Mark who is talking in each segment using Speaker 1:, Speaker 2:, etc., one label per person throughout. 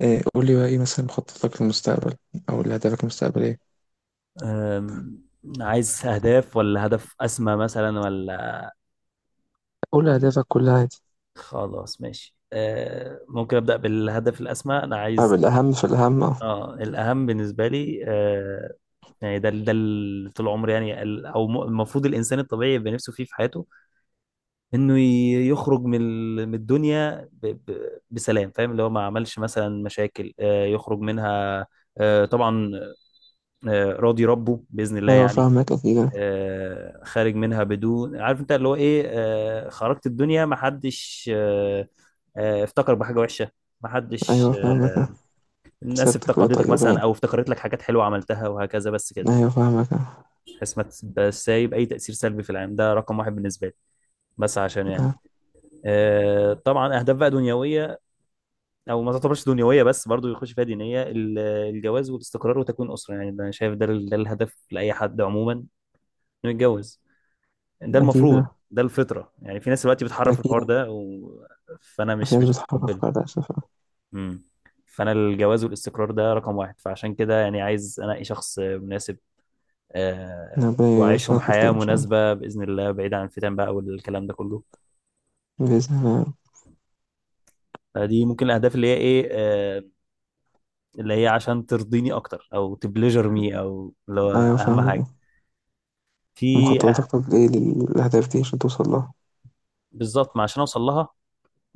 Speaker 1: إيه قول لي بقى ايه مثلا مخططك للمستقبل او لأهدافك المستقبلية.
Speaker 2: أم، عايز أهداف ولا هدف أسمى مثلا ولا
Speaker 1: قول لي أهدافك كلها عادي.
Speaker 2: خلاص ماشي. ممكن أبدأ بالهدف الأسمى. أنا
Speaker 1: طب
Speaker 2: عايز
Speaker 1: الأهم في الأهم أهو.
Speaker 2: اه الأهم بالنسبة لي، يعني ده اللي طول عمري، يعني المفروض الإنسان الطبيعي يبقى نفسه فيه في حياته إنه يخرج من من الدنيا بسلام، فاهم، اللي هو ما عملش مثلا مشاكل، يخرج منها، طبعا، راضي ربه بإذن الله
Speaker 1: أيوة
Speaker 2: يعني.
Speaker 1: فاهمك أكيد أنا.
Speaker 2: خارج منها بدون، عارف انت اللي هو ايه، خرجت الدنيا ما حدش افتكر بحاجه وحشه، ما حدش،
Speaker 1: أيوة فاهمك أنا.
Speaker 2: الناس
Speaker 1: سيرتك بقى
Speaker 2: افتقدتك
Speaker 1: طيبة يعني.
Speaker 2: مثلا او افتكرت لك حاجات حلوه عملتها وهكذا، بس كده،
Speaker 1: أيوة فاهمك أنا.
Speaker 2: بحيث ما تبقاش سايب اي تاثير سلبي في العالم. ده رقم واحد بالنسبه لي. بس عشان يعني،
Speaker 1: أه.
Speaker 2: طبعا اهداف بقى دنيويه، او ما تعتبرش دنيويه بس برضو يخش فيها دينيه، الجواز والاستقرار وتكوين اسره. يعني ده انا شايف ده ده الهدف لاي حد عموما، انه يتجوز. ده
Speaker 1: أكيد
Speaker 2: المفروض
Speaker 1: أنا.
Speaker 2: ده الفطرة. يعني في ناس دلوقتي بتحرف
Speaker 1: أكيد
Speaker 2: الحوار
Speaker 1: أنا.
Speaker 2: ده و... فأنا
Speaker 1: في
Speaker 2: مش
Speaker 1: ناس
Speaker 2: مش
Speaker 1: بتحقق
Speaker 2: متقبله.
Speaker 1: بعد أسف آه.
Speaker 2: امم فأنا الجواز والاستقرار ده رقم واحد، فعشان كده يعني عايز أنقي شخص مناسب، آه،
Speaker 1: ربنا
Speaker 2: وأعيشهم
Speaker 1: يرزقك
Speaker 2: حياة
Speaker 1: وتلاقي إن شاء الله.
Speaker 2: مناسبة بإذن الله، بعيد عن الفتن بقى والكلام ده كله.
Speaker 1: بإذن الله.
Speaker 2: فدي ممكن الأهداف اللي هي إيه، آه، اللي هي عشان ترضيني أكتر أو تبليجر مي، أو اللي هو
Speaker 1: أيوة
Speaker 2: أهم
Speaker 1: فاهمك
Speaker 2: حاجة
Speaker 1: أنا.
Speaker 2: في
Speaker 1: مخططاتك طب إيه للأهداف دي عشان توصل لها.
Speaker 2: بالظبط، ما عشان أوصل لها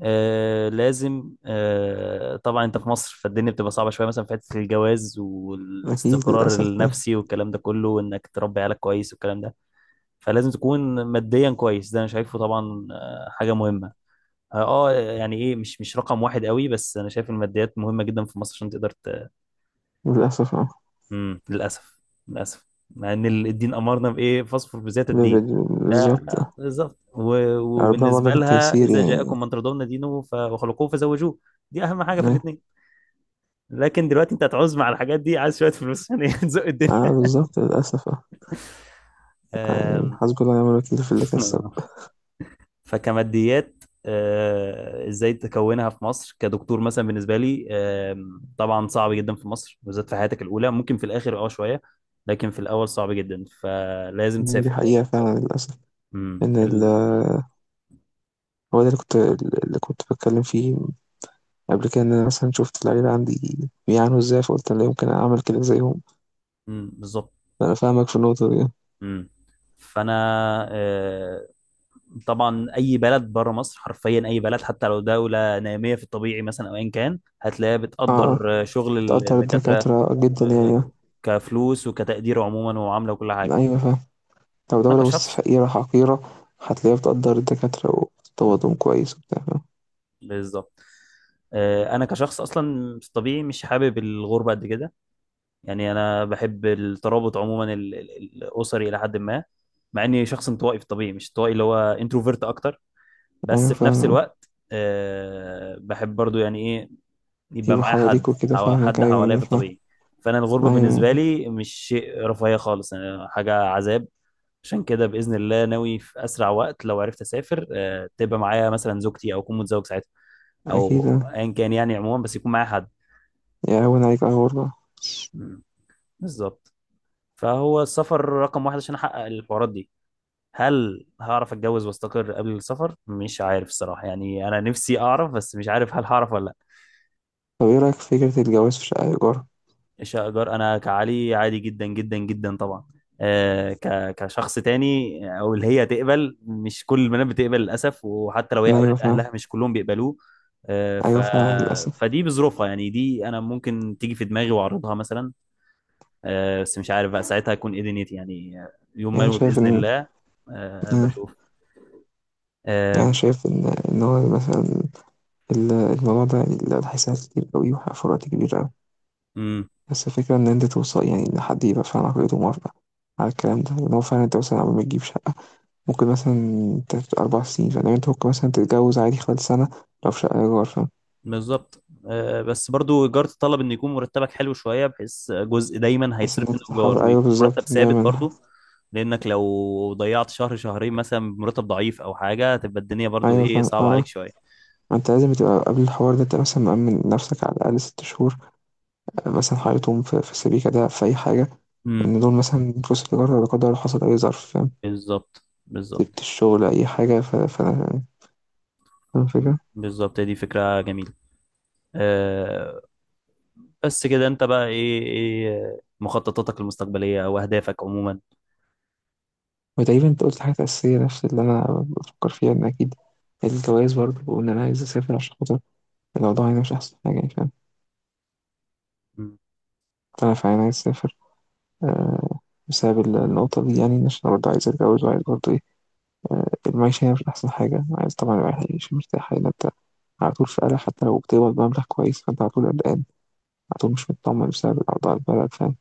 Speaker 2: آه لازم آه طبعا، انت في مصر، فالدنيا بتبقى صعبة شوية مثلا في حتة الجواز
Speaker 1: أكيد
Speaker 2: والاستقرار
Speaker 1: للأسف يعني.
Speaker 2: النفسي والكلام ده كله، وانك تربي عيالك كويس والكلام ده. فلازم تكون ماديا كويس، ده انا شايفه طبعا آه حاجة مهمة. اه آه، يعني ايه، مش رقم واحد قوي، بس انا شايف الماديات مهمة جدا في مصر عشان تقدر.
Speaker 1: للأسف أه.
Speaker 2: للاسف، للاسف مع ان الدين امرنا بايه، فاصفر بذات الدين. ده
Speaker 1: بالظبط آه.
Speaker 2: بالظبط،
Speaker 1: ربنا برضه
Speaker 2: وبالنسبه
Speaker 1: في
Speaker 2: لها،
Speaker 1: التيسير
Speaker 2: اذا
Speaker 1: يعني.
Speaker 2: جاءكم من ترضون دينه وخلقوه فزوجوه. دي اهم حاجه في
Speaker 1: أه.
Speaker 2: الاثنين. لكن دلوقتي انت هتعوز، مع الحاجات دي عايز شويه فلوس يعني، تزق الدنيا.
Speaker 1: آه، بالظبط للأسف آه. يعني
Speaker 2: آم،
Speaker 1: حسبي الله ونعم الوكيل في اللي كسب.
Speaker 2: فكماديات، آه، ازاي تكونها في مصر كدكتور مثلا، بالنسبه لي آم، طبعا صعب جدا في مصر بالذات، في حياتك الاولى، ممكن في الاخر اه شويه، لكن في الاول صعب جدا، فلازم
Speaker 1: يعني دي
Speaker 2: تسافر.
Speaker 1: حقيقة فعلا للأسف.
Speaker 2: امم
Speaker 1: إن ال-
Speaker 2: ال...
Speaker 1: هو ده اللي كنت اللي كنت بتكلم فيه قبل كده، إن أنا مثلا شفت اللعيبة عندي بيعانوا إزاي فقلت أنا لا يمكن أعمل كده زيهم.
Speaker 2: مم، بالظبط.
Speaker 1: أنا فاهمك في النقطة دي.
Speaker 2: امم فانا آه، طبعا اي بلد بره مصر، حرفيا اي بلد، حتى لو دوله ناميه في الطبيعي مثلا او ايا كان، هتلاقيها
Speaker 1: آه آه.
Speaker 2: بتقدر آه، شغل
Speaker 1: بتقدر
Speaker 2: الدكاتره،
Speaker 1: الدكاترة جدا يعني
Speaker 2: آه،
Speaker 1: آه.
Speaker 2: كفلوس وكتقدير عموما ومعامله وكل حاجه.
Speaker 1: أيوة فاهم. لو
Speaker 2: انا
Speaker 1: دولة وسط
Speaker 2: كشخص،
Speaker 1: فقيرة حقيرة هتلاقيها بتقدر الدكاترة
Speaker 2: مم،
Speaker 1: وبتطوضهم كويس وبتاع فاهم.
Speaker 2: بالظبط، آه، انا كشخص اصلا في الطبيعي مش حابب الغربه قد كده. يعني انا بحب الترابط عموما، الاسري الى حد ما، مع اني شخص انطوائي في الطبيعي، مش انطوائي اللي هو انتروفيرت اكتر،
Speaker 1: أيوة
Speaker 2: بس في نفس
Speaker 1: فاهم.
Speaker 2: الوقت آه، بحب برضو يعني ايه، يبقى
Speaker 1: يبقوا
Speaker 2: معايا
Speaker 1: حواليك
Speaker 2: حد
Speaker 1: وكده فاهمك،
Speaker 2: حد
Speaker 1: أيوة
Speaker 2: حواليا
Speaker 1: أيوة
Speaker 2: في
Speaker 1: فاهم.
Speaker 2: الطبيعي. فانا الغربه
Speaker 1: أيوة أيوة.
Speaker 2: بالنسبه لي مش شيء رفاهيه خالص، أنا حاجه عذاب. عشان كده باذن الله ناوي في اسرع وقت لو عرفت اسافر، آه، تبقى معايا مثلا زوجتي، او اكون متزوج ساعتها، او
Speaker 1: أكيد آه.
Speaker 2: ايا كان يعني عموما، بس يكون معايا حد.
Speaker 1: يهون عليك أيوة والله.
Speaker 2: مم. بالظبط، فهو السفر رقم واحد عشان احقق الحوارات دي. هل هعرف اتجوز واستقر قبل السفر؟ مش عارف الصراحه، يعني انا نفسي اعرف بس مش عارف هل هعرف ولا.
Speaker 1: طب إيه رأيك في فكرة الجواز في شقة إيجار؟
Speaker 2: شجر انا كعلي عادي جدا جدا جدا طبعا، آه، كشخص تاني او اللي هي تقبل، مش كل البنات بتقبل للاسف، وحتى لو هي
Speaker 1: أيوه
Speaker 2: قابلت،
Speaker 1: فعلًا.
Speaker 2: اهلها مش كلهم بيقبلوه. آه، ف
Speaker 1: أيوه فعلًا للأسف.
Speaker 2: فدي بظروفها، يعني دي انا ممكن تيجي في دماغي واعرضها مثلا، آه، بس مش عارف بقى ساعتها اكون ايه دنيتي، يعني آه، يوم
Speaker 1: يعني
Speaker 2: ما
Speaker 1: أنا
Speaker 2: يبقى
Speaker 1: شايف
Speaker 2: باذن
Speaker 1: إن
Speaker 2: الله آه
Speaker 1: آه،
Speaker 2: بشوف.
Speaker 1: يعني
Speaker 2: آه
Speaker 1: أنا شايف إن هو مثلًا الموضوع ده هيساعد كتير أوي وهيوفر في وقت كبير أوي، بس الفكرة إن أنت توصل، يعني إن حد يبقى فعلًا عقليته موافقة على الكلام ده، إن هو فعلًا أنت مثلًا قبل ما تجيب شقة ممكن مثلًا تاخد 4 سنين، فاهم، يعني أنت ممكن مثلًا تتجوز عادي خلال سنة لو في شقة إيجار، فاهم،
Speaker 2: بالظبط، آه، بس برضو ايجار تطلب ان يكون مرتبك حلو شويه، بحيث جزء دايما
Speaker 1: بحيث
Speaker 2: هيتصرف من
Speaker 1: إنك
Speaker 2: الايجار،
Speaker 1: تحافظ، أيوه
Speaker 2: ويكون
Speaker 1: بالضبط
Speaker 2: مرتب ثابت
Speaker 1: دايمًا.
Speaker 2: برضو، لانك لو ضيعت شهر شهرين مثلا بمرتب ضعيف او حاجه، هتبقى الدنيا برضو
Speaker 1: أيوه
Speaker 2: ايه
Speaker 1: فاهم،
Speaker 2: صعبه
Speaker 1: آه،
Speaker 2: عليك شويه.
Speaker 1: ما أنت لازم تبقى قبل الحوار ده أنت مثلًا مأمِّن نفسك على الأقل 6 شهور مثلا حياتهم في السبيكة ده في أي حاجة،
Speaker 2: امم
Speaker 1: إن دول مثلا فلوس التجارة لا قدر الله حصل أي ظرف فاهم،
Speaker 2: بالظبط
Speaker 1: سبت الشغل أي حاجة ف ف فاهم الفكرة.
Speaker 2: بالظبط، دي فكره جميله. أه، بس كده انت بقى ايه، ايه مخططاتك المستقبليه او اهدافك عموما؟
Speaker 1: وتقريبا أنت قلت حاجة أساسية نفس اللي أنا بفكر فيها، إن أكيد الجواز برضه وإن أنا عايز أسافر عشان خاطر الأوضاع هنا مش أحسن حاجة يعني فاهم.
Speaker 2: امم.
Speaker 1: فأنا فعلا عايز أسافر آه، بسبب النقطة دي يعني عشان أنا برضه عايز أتجوز وعايز برضه إيه آه، المعيشة هنا مش أحسن حاجة، عايز طبعا الواحد يعيش مرتاح. هنا أنت على طول في قلق حتى لو بتقبض مبلغ كويس فأنت على طول قلقان، عدو مش مطمن بسبب أوضاع البلد فاهم.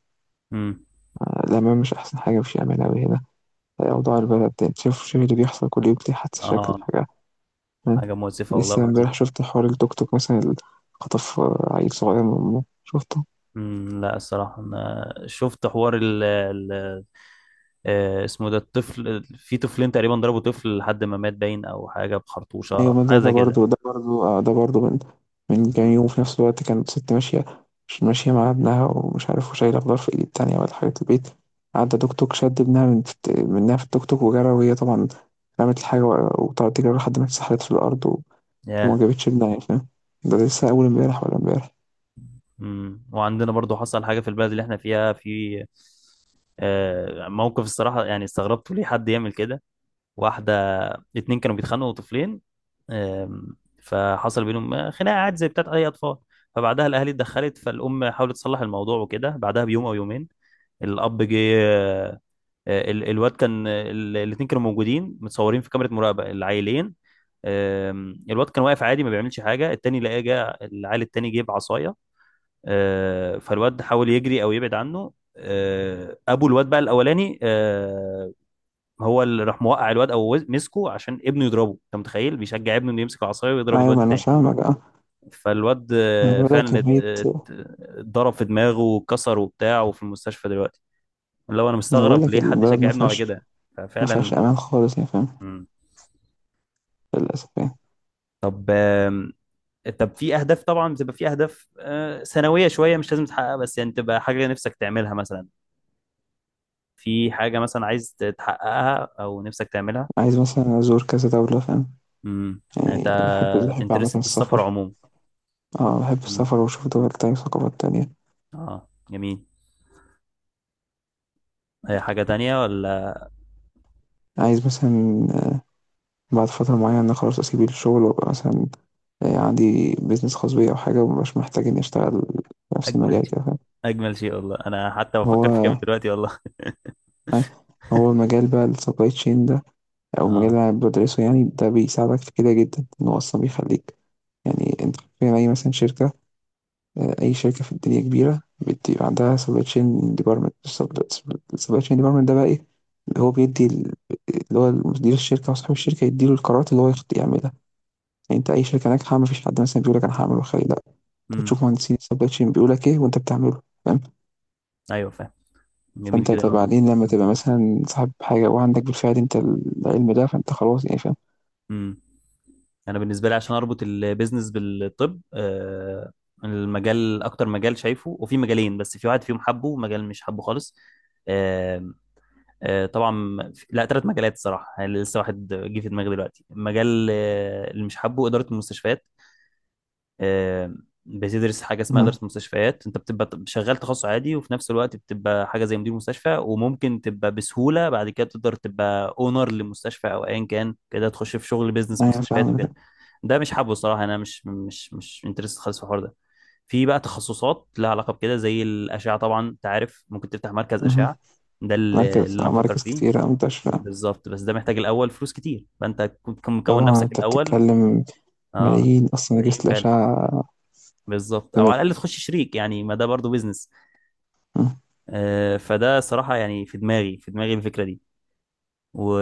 Speaker 2: أمم.
Speaker 1: الأمان مش أحسن حاجة، مفيش أمان أوي هنا. أوضاع البلد دي أنت شوف اللي بيحصل كل يوم، دي حادثة شكل
Speaker 2: اه،
Speaker 1: حاجة فاهم.
Speaker 2: حاجه مؤسفه والله
Speaker 1: لسه
Speaker 2: وحزينه.
Speaker 1: امبارح شفت حوار التوك توك مثلا اللي خطف عيل صغير من أمه شفته.
Speaker 2: لا الصراحه انا شفت حوار آه، اسمه، ده الطفل، في طفلين تقريبا ضربوا طفل لحد ما مات باين، او حاجه
Speaker 1: أيوة
Speaker 2: بخرطوشه
Speaker 1: ما ده
Speaker 2: حاجه
Speaker 1: ده
Speaker 2: زي كده.
Speaker 1: برضه ده برضه آه، ده برضه من من كام
Speaker 2: مم.
Speaker 1: يوم. في نفس الوقت كانت ست ماشية، مش ماشية مع ابنها ومش عارف وشايلة خضار في إيد التانية ولا حاجة البيت، عدى توك توك شد ابنها منها في التوك توك وجرى، وهي طبعا رمت الحاجة وطلعت تجري لحد ما اتسحلت في الأرض وما
Speaker 2: ياه.
Speaker 1: جابتش بنهاية فاهم. ده لسه أول امبارح ولا امبارح.
Speaker 2: وعندنا برضو حصل حاجه في البلد اللي احنا فيها، في آه، موقف الصراحه يعني استغربت ليه حد يعمل كده. واحده، اتنين كانوا بيتخانقوا، طفلين، آم، فحصل بينهم آه، خناقه عادي زي بتاعت اي اطفال، فبعدها الاهالي اتدخلت، فالام حاولت تصلح الموضوع وكده، بعدها بيوم او يومين الاب جه، آه، الواد كان، الاثنين كانوا موجودين متصورين في كاميرا مراقبه العيلين، آم، الواد كان واقف عادي ما بيعملش حاجه، التاني لقاه جه، العيل التاني جه بعصايه، آه، فالواد حاول يجري او يبعد عنه، آه، ابو الواد بقى الاولاني، آه، هو اللي راح موقع الواد، او مسكه عشان ابنه يضربه. انت متخيل، بيشجع ابنه انه يمسك العصايه ويضرب
Speaker 1: أيوة
Speaker 2: الواد
Speaker 1: ما أنا
Speaker 2: التاني.
Speaker 1: فاهمك أه.
Speaker 2: فالواد
Speaker 1: أنا
Speaker 2: آه،
Speaker 1: بقول لك
Speaker 2: فعلا
Speaker 1: كمية.
Speaker 2: اتضرب في دماغه واتكسر وبتاع، وفي المستشفى دلوقتي. اللي هو انا
Speaker 1: أنا بقول
Speaker 2: مستغرب
Speaker 1: لك
Speaker 2: ليه حد
Speaker 1: البلد
Speaker 2: يشجع
Speaker 1: ما
Speaker 2: ابنه على
Speaker 1: فيهاش،
Speaker 2: كده.
Speaker 1: ما فيهاش
Speaker 2: ففعلا.
Speaker 1: أمان خالص يعني فاهم.
Speaker 2: مم.
Speaker 1: للأسف يعني.
Speaker 2: طب آم، طب في اهداف طبعا، بتبقى في اهداف آه، سنويه شويه، مش لازم تحققها، بس يعني تبقى حاجه نفسك تعملها مثلا. في حاجه مثلا عايز تحققها او نفسك تعملها؟
Speaker 1: عايز مثلا أزور كذا دولة فاهم،
Speaker 2: يعني
Speaker 1: يعني
Speaker 2: انت
Speaker 1: بحب بحب عامة
Speaker 2: انترست في السفر
Speaker 1: السفر.
Speaker 2: عموما.
Speaker 1: أه، بحب
Speaker 2: امم،
Speaker 1: السفر وأشوف دول تانية وثقافات تانية.
Speaker 2: اه، جميل. هي حاجه تانية ولا؟
Speaker 1: عايز مثلا بعد فترة معينة خلاص أسيب الشغل وأبقى مثلا آه، عندي بيزنس خاص بيا أو حاجة ومبقاش محتاج إني أشتغل في نفس
Speaker 2: اجمل
Speaker 1: المجال كده
Speaker 2: شيء،
Speaker 1: فاهم.
Speaker 2: اجمل شيء والله، انا حتى بفكر في كام
Speaker 1: هو
Speaker 2: دلوقتي والله.
Speaker 1: هو المجال بقى السبلاي تشين ده او المجال اللي
Speaker 2: اه.
Speaker 1: أنا بدرسه، يعني ده بيساعدك في كده جدا، ان هو اصلا بيخليك يعني انت فاهم اي مثلا شركه آه، اي شركه في الدنيا كبيره بتبقى عندها سبلاي تشين ديبارتمنت. السبلاي تشين ديبارتمنت ده بقى ايه؟ اللي هو بيدي ال- اللي هو مدير الشركه او صاحب الشركه يديله القرارات اللي هو يعملها. يعني انت اي شركه ناجحه ما فيش حد مثلا بيقول لك انا هعمل وخلي لا، انت
Speaker 2: امم،
Speaker 1: بتشوف مهندسين السبلاي تشين بيقول لك ايه وانت بتعمله فاهم.
Speaker 2: ايوه فاهم، جميل
Speaker 1: فانت
Speaker 2: جدا
Speaker 1: طب
Speaker 2: والله.
Speaker 1: بعدين لما تبقى مثلا صاحب حاجه وعندك بالفعل انت العلم ده فانت خلاص يعني فاهم.
Speaker 2: امم، انا بالنسبه لي عشان اربط البيزنس بالطب، آه، المجال اكتر مجال شايفه، وفي مجالين بس، في واحد فيهم حبه ومجال مش حبه خالص، آه، آه، طبعا في- لا، ثلاث مجالات الصراحه، يعني لسه واحد جه في دماغي دلوقتي، مجال آه، اللي مش حبه اداره المستشفيات، آه، بتدرس حاجه اسمها
Speaker 1: مهم.
Speaker 2: اداره مستشفيات، انت بتبقى شغال تخصص عادي، وفي نفس الوقت بتبقى حاجه زي مدير مستشفى، وممكن تبقى بسهوله بعد كده تقدر تبقى اونر لمستشفى، او ايا كان كده تخش في شغل بيزنس
Speaker 1: ايوه
Speaker 2: مستشفيات
Speaker 1: فاهم.
Speaker 2: وكده. ده مش حابه الصراحه، انا مش انترست خالص في الحوار ده. في بقى تخصصات لها علاقه بكده زي الاشعه، طبعا انت عارف ممكن تفتح مركز اشعه، ده اللي
Speaker 1: مراكز
Speaker 2: اللي انا
Speaker 1: آه،
Speaker 2: بفكر
Speaker 1: مراكز
Speaker 2: فيه.
Speaker 1: كتيرة أوي منتشرة.
Speaker 2: بالظبط، بس ده محتاج الاول فلوس كتير، فانت كنت مكون
Speaker 1: طبعًا
Speaker 2: نفسك
Speaker 1: أنت
Speaker 2: الاول.
Speaker 1: بتتكلم
Speaker 2: اه،
Speaker 1: ملايين أصلًا، أجهزة
Speaker 2: ملايين فعلا،
Speaker 1: الأشعة
Speaker 2: بالظبط، او على الاقل
Speaker 1: بملايين.
Speaker 2: تخش شريك، يعني ما ده برضو بيزنس.
Speaker 1: إمم،
Speaker 2: آه، فده صراحه يعني في دماغي الفكره دي، و...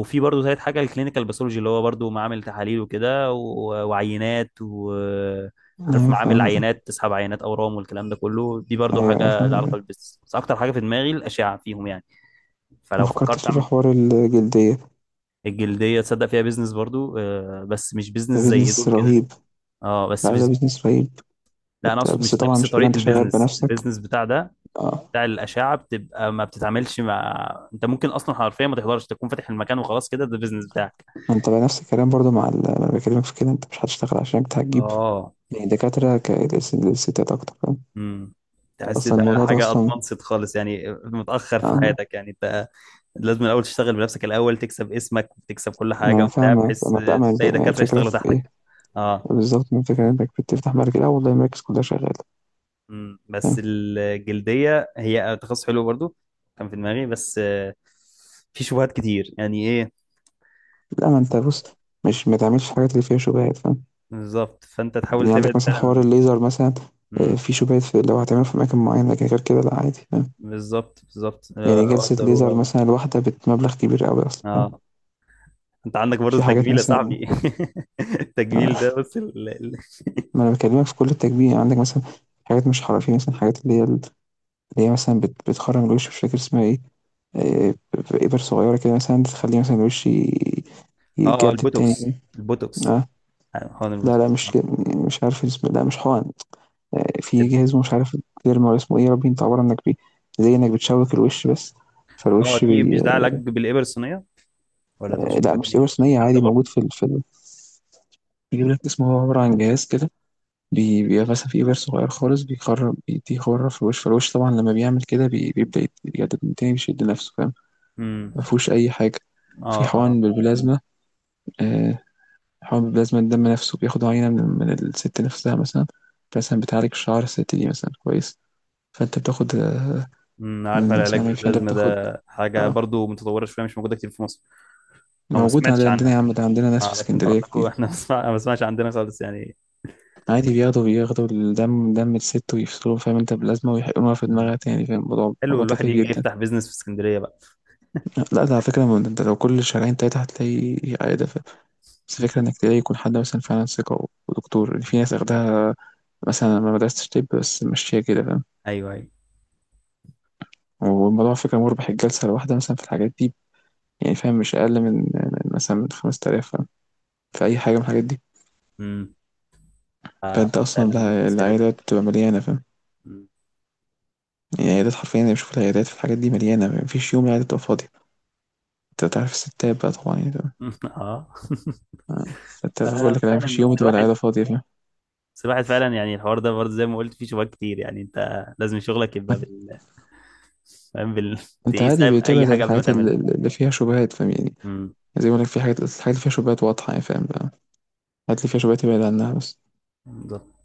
Speaker 2: وفي برضو ثالث حاجه، الكلينيكال باثولوجي، اللي هو برضو معامل تحاليل وكده و... وعينات، وعارف
Speaker 1: أيوه
Speaker 2: معامل
Speaker 1: فاهمك آه،
Speaker 2: عينات تسحب عينات اورام والكلام ده كله، دي برضو
Speaker 1: أيوه، أيوه
Speaker 2: حاجه لها علاقه
Speaker 1: فاهمك.
Speaker 2: بالبيزنس، بس اكتر حاجه في دماغي الاشعه فيهم يعني.
Speaker 1: ما
Speaker 2: فلو فكرت
Speaker 1: فكرتش في
Speaker 2: اعمل
Speaker 1: حوار الجلدية؟
Speaker 2: الجلديه، تصدق فيها بيزنس برضو آه، بس مش بيزنس
Speaker 1: ده
Speaker 2: زي
Speaker 1: business
Speaker 2: دول كده.
Speaker 1: رهيب.
Speaker 2: اه، بس
Speaker 1: لأ، ده business رهيب.
Speaker 2: لا، انا
Speaker 1: أنت
Speaker 2: اقصد
Speaker 1: بس
Speaker 2: مش
Speaker 1: طبعًا
Speaker 2: نفس
Speaker 1: مش هتبقى
Speaker 2: طريقه
Speaker 1: أنت شغال
Speaker 2: البيزنس،
Speaker 1: بنفسك
Speaker 2: البيزنس بتاع ده،
Speaker 1: آه.
Speaker 2: بتاع الاشعه، بتبقى ما بتتعاملش مع، انت ممكن اصلا حرفيا ما تحضرش، تكون فاتح المكان وخلاص كده، ده البيزنس بتاعك.
Speaker 1: ما أنت بقى نفس الكلام برضه مع أنا باكلمك في كده، أنت مش هتشتغل عشان أنت هتجيب
Speaker 2: اه.
Speaker 1: يعني دكاترة ك للس للستات أكتر فاهم.
Speaker 2: امم، تحس
Speaker 1: أصلًا
Speaker 2: ده
Speaker 1: الموضوع ده
Speaker 2: حاجه
Speaker 1: أصلًا
Speaker 2: ادفانسد خالص، يعني متاخر في
Speaker 1: آه،
Speaker 2: حياتك يعني انت لازم الاول تشتغل بنفسك الاول، تكسب اسمك وتكسب كل
Speaker 1: ما
Speaker 2: حاجه
Speaker 1: أنا
Speaker 2: وبتاع،
Speaker 1: فاهمك
Speaker 2: بحيث
Speaker 1: ما،
Speaker 2: تلاقي
Speaker 1: لأ، ما
Speaker 2: دكاتره
Speaker 1: الفكرة
Speaker 2: يشتغلوا
Speaker 1: في إيه؟
Speaker 2: تحتك. اه.
Speaker 1: بالظبط من فكرة انك بتفتح
Speaker 2: مم.
Speaker 1: بعد كده، اه والله المراكز كلها شغالة فاهم.
Speaker 2: بس الجلديه هي تخصص حلو برضو، كان في دماغي، بس آه، في شبهات كتير يعني ايه.
Speaker 1: لا ما انت بص، مش ما تعملش الحاجات اللي فيها شبهات فاهم
Speaker 2: بالظبط، فانت تحاول
Speaker 1: يعني. عندك
Speaker 2: تبعد.
Speaker 1: مثلا حوار الليزر مثلا آه،
Speaker 2: فعلا،
Speaker 1: في شبهات، في لو هتعمله في مكان معين، لكن غير كده لا عادي فاهم.
Speaker 2: بالظبط،
Speaker 1: يعني
Speaker 2: آه، اوقات
Speaker 1: جلسة ليزر
Speaker 2: ضروره.
Speaker 1: مثلا الواحدة بمبلغ كبير قوي اصلا فاهم.
Speaker 2: اه، انت عندك برضو
Speaker 1: في حاجات
Speaker 2: التجميل يا
Speaker 1: مثلا
Speaker 2: صاحبي، التجميل ده
Speaker 1: آه،
Speaker 2: بص ال... ال...
Speaker 1: ما انا بكلمك في كل التجميل. يعني عندك مثلا حاجات مش حرفية مثلا، حاجات اللي هي اللي هي مثلا بتخرم الوش، مش فاكر اسمها ايه آه، بإبر صغيرة كده مثلا تخليه مثلا الوش
Speaker 2: اه، آه،
Speaker 1: يتجدد تاني
Speaker 2: البوتوكس
Speaker 1: فاهم؟
Speaker 2: البوتوكس
Speaker 1: آه،
Speaker 2: هون
Speaker 1: لا لأ
Speaker 2: البوتوكس، اه.
Speaker 1: مش عارف اسمه، لأ مش حقن، في
Speaker 2: طب-
Speaker 1: جهاز مش عارف الderma والّا اسمه إيه يا ربي، أنت عبارة إنك بي، زي إنك بتشوك الوش بس،
Speaker 2: آه،
Speaker 1: فالوش
Speaker 2: دي مش
Speaker 1: بي،
Speaker 2: ده علاج بالابر الصينيه؟ ولا
Speaker 1: آه،
Speaker 2: تقصد
Speaker 1: لأ
Speaker 2: حاجه
Speaker 1: مش صيغة
Speaker 2: ثانيه؟
Speaker 1: صينية،
Speaker 2: انت
Speaker 1: عادي
Speaker 2: برضو.
Speaker 1: موجود في ال في ال بيجيب لك اسمه، هو عبارة عن جهاز كده بي، بيبقى مثلًا في إبر صغير خالص بيخرّم بيديه خرّة في الوش، فالوش طبعًا لمّا بيعمل كده بي بيبدأ يجدد من تاني، بيشد نَفْسه فاهم، ما
Speaker 2: امم،
Speaker 1: فيهوش أي حاجة.
Speaker 2: اه
Speaker 1: في
Speaker 2: اه.
Speaker 1: حقن بالبلازما، آآ حقن بالبلازما، الدم نَفْسه بياخدوا عينة من الست نَفْسها مثلًا، مثلًا بتعالج شعر الست دي مثلًا كويس. فانت بتاخد آه،
Speaker 2: امم، عارف
Speaker 1: من
Speaker 2: العلاج
Speaker 1: مثلا عشان انت
Speaker 2: بالبلازما
Speaker 1: بتاخد
Speaker 2: ده حاجه
Speaker 1: اه.
Speaker 2: برضو متطوره شويه، مش موجوده كتير في مصر او ما
Speaker 1: موجود
Speaker 2: سمعتش
Speaker 1: عندنا
Speaker 2: عنها.
Speaker 1: يا عم، ده عندنا
Speaker 2: ما
Speaker 1: ناس في
Speaker 2: اعرفش انت
Speaker 1: اسكندرية
Speaker 2: عندكم،
Speaker 1: كتير.
Speaker 2: احنا ما بسمعش عندنا خالص يعني.
Speaker 1: عادي بياخدوا الدم، دم الست ويفصلوه فاهم، انت بلازمة ويحقنوها في
Speaker 2: مم.
Speaker 1: دماغها تاني فاهم، الموضوع
Speaker 2: حلو
Speaker 1: موضوع
Speaker 2: الواحد
Speaker 1: تافه
Speaker 2: يجي
Speaker 1: جدا.
Speaker 2: يفتح بيزنس في اسكندريه بقى.
Speaker 1: لا ده على فكرة، ما انت لو كل شهرين تلاتة هتلاقي عيادة ف-، بس الفكرة انك تلاقي يكون حد مثلا فعلا ثقة ودكتور، يعني في ناس اخدها مثلا ما درستش طب بس ماشية كده فاهم.
Speaker 2: ايوه ايوه.
Speaker 1: والموضوع على فكرة مربح، الجلسة الواحدة مثلا في الحاجات دي يعني فاهم مش أقل من مثلا من 5000 فاهم، في أي حاجة من الحاجات دي.
Speaker 2: امم،
Speaker 1: فانت
Speaker 2: آه،
Speaker 1: اصلا
Speaker 2: فعلا بزنس حلو جدا.
Speaker 1: العيادات بتبقى مليانه فاهم.
Speaker 2: مم.
Speaker 1: يعني العيادات حرفيا انا بشوف العيادات في الحاجات دي مليانه، مفيش يوم العياده تبقى فاضيه. انت تعرف الستات بقى طبعا يعني ده-
Speaker 2: اه.
Speaker 1: آه. انت بقول لك يعني
Speaker 2: ففعلا
Speaker 1: مفيش يوم
Speaker 2: بس
Speaker 1: تبقى العياده
Speaker 2: الواحد،
Speaker 1: فاضيه فاهم.
Speaker 2: بس الواحد فعلا يعني الحوار ده برضه زي ما قلت فيه شباك كتير، يعني انت لازم شغلك يبقى بال، فاهم، بال،
Speaker 1: انت
Speaker 2: تقيس اي
Speaker 1: عادي
Speaker 2: أي
Speaker 1: بتبعد عن
Speaker 2: حاجه قبل ما
Speaker 1: الحاجات
Speaker 2: تعملها.
Speaker 1: اللي فيها شبهات فاهم يعني.
Speaker 2: امم،
Speaker 1: زي ما بقول لك في حاجات، الحاجات اللي فيها شبهات واضحه يعني فاهم بقى، الحاجات اللي فيها شبهات تبعد عنها بس.
Speaker 2: بالظبط.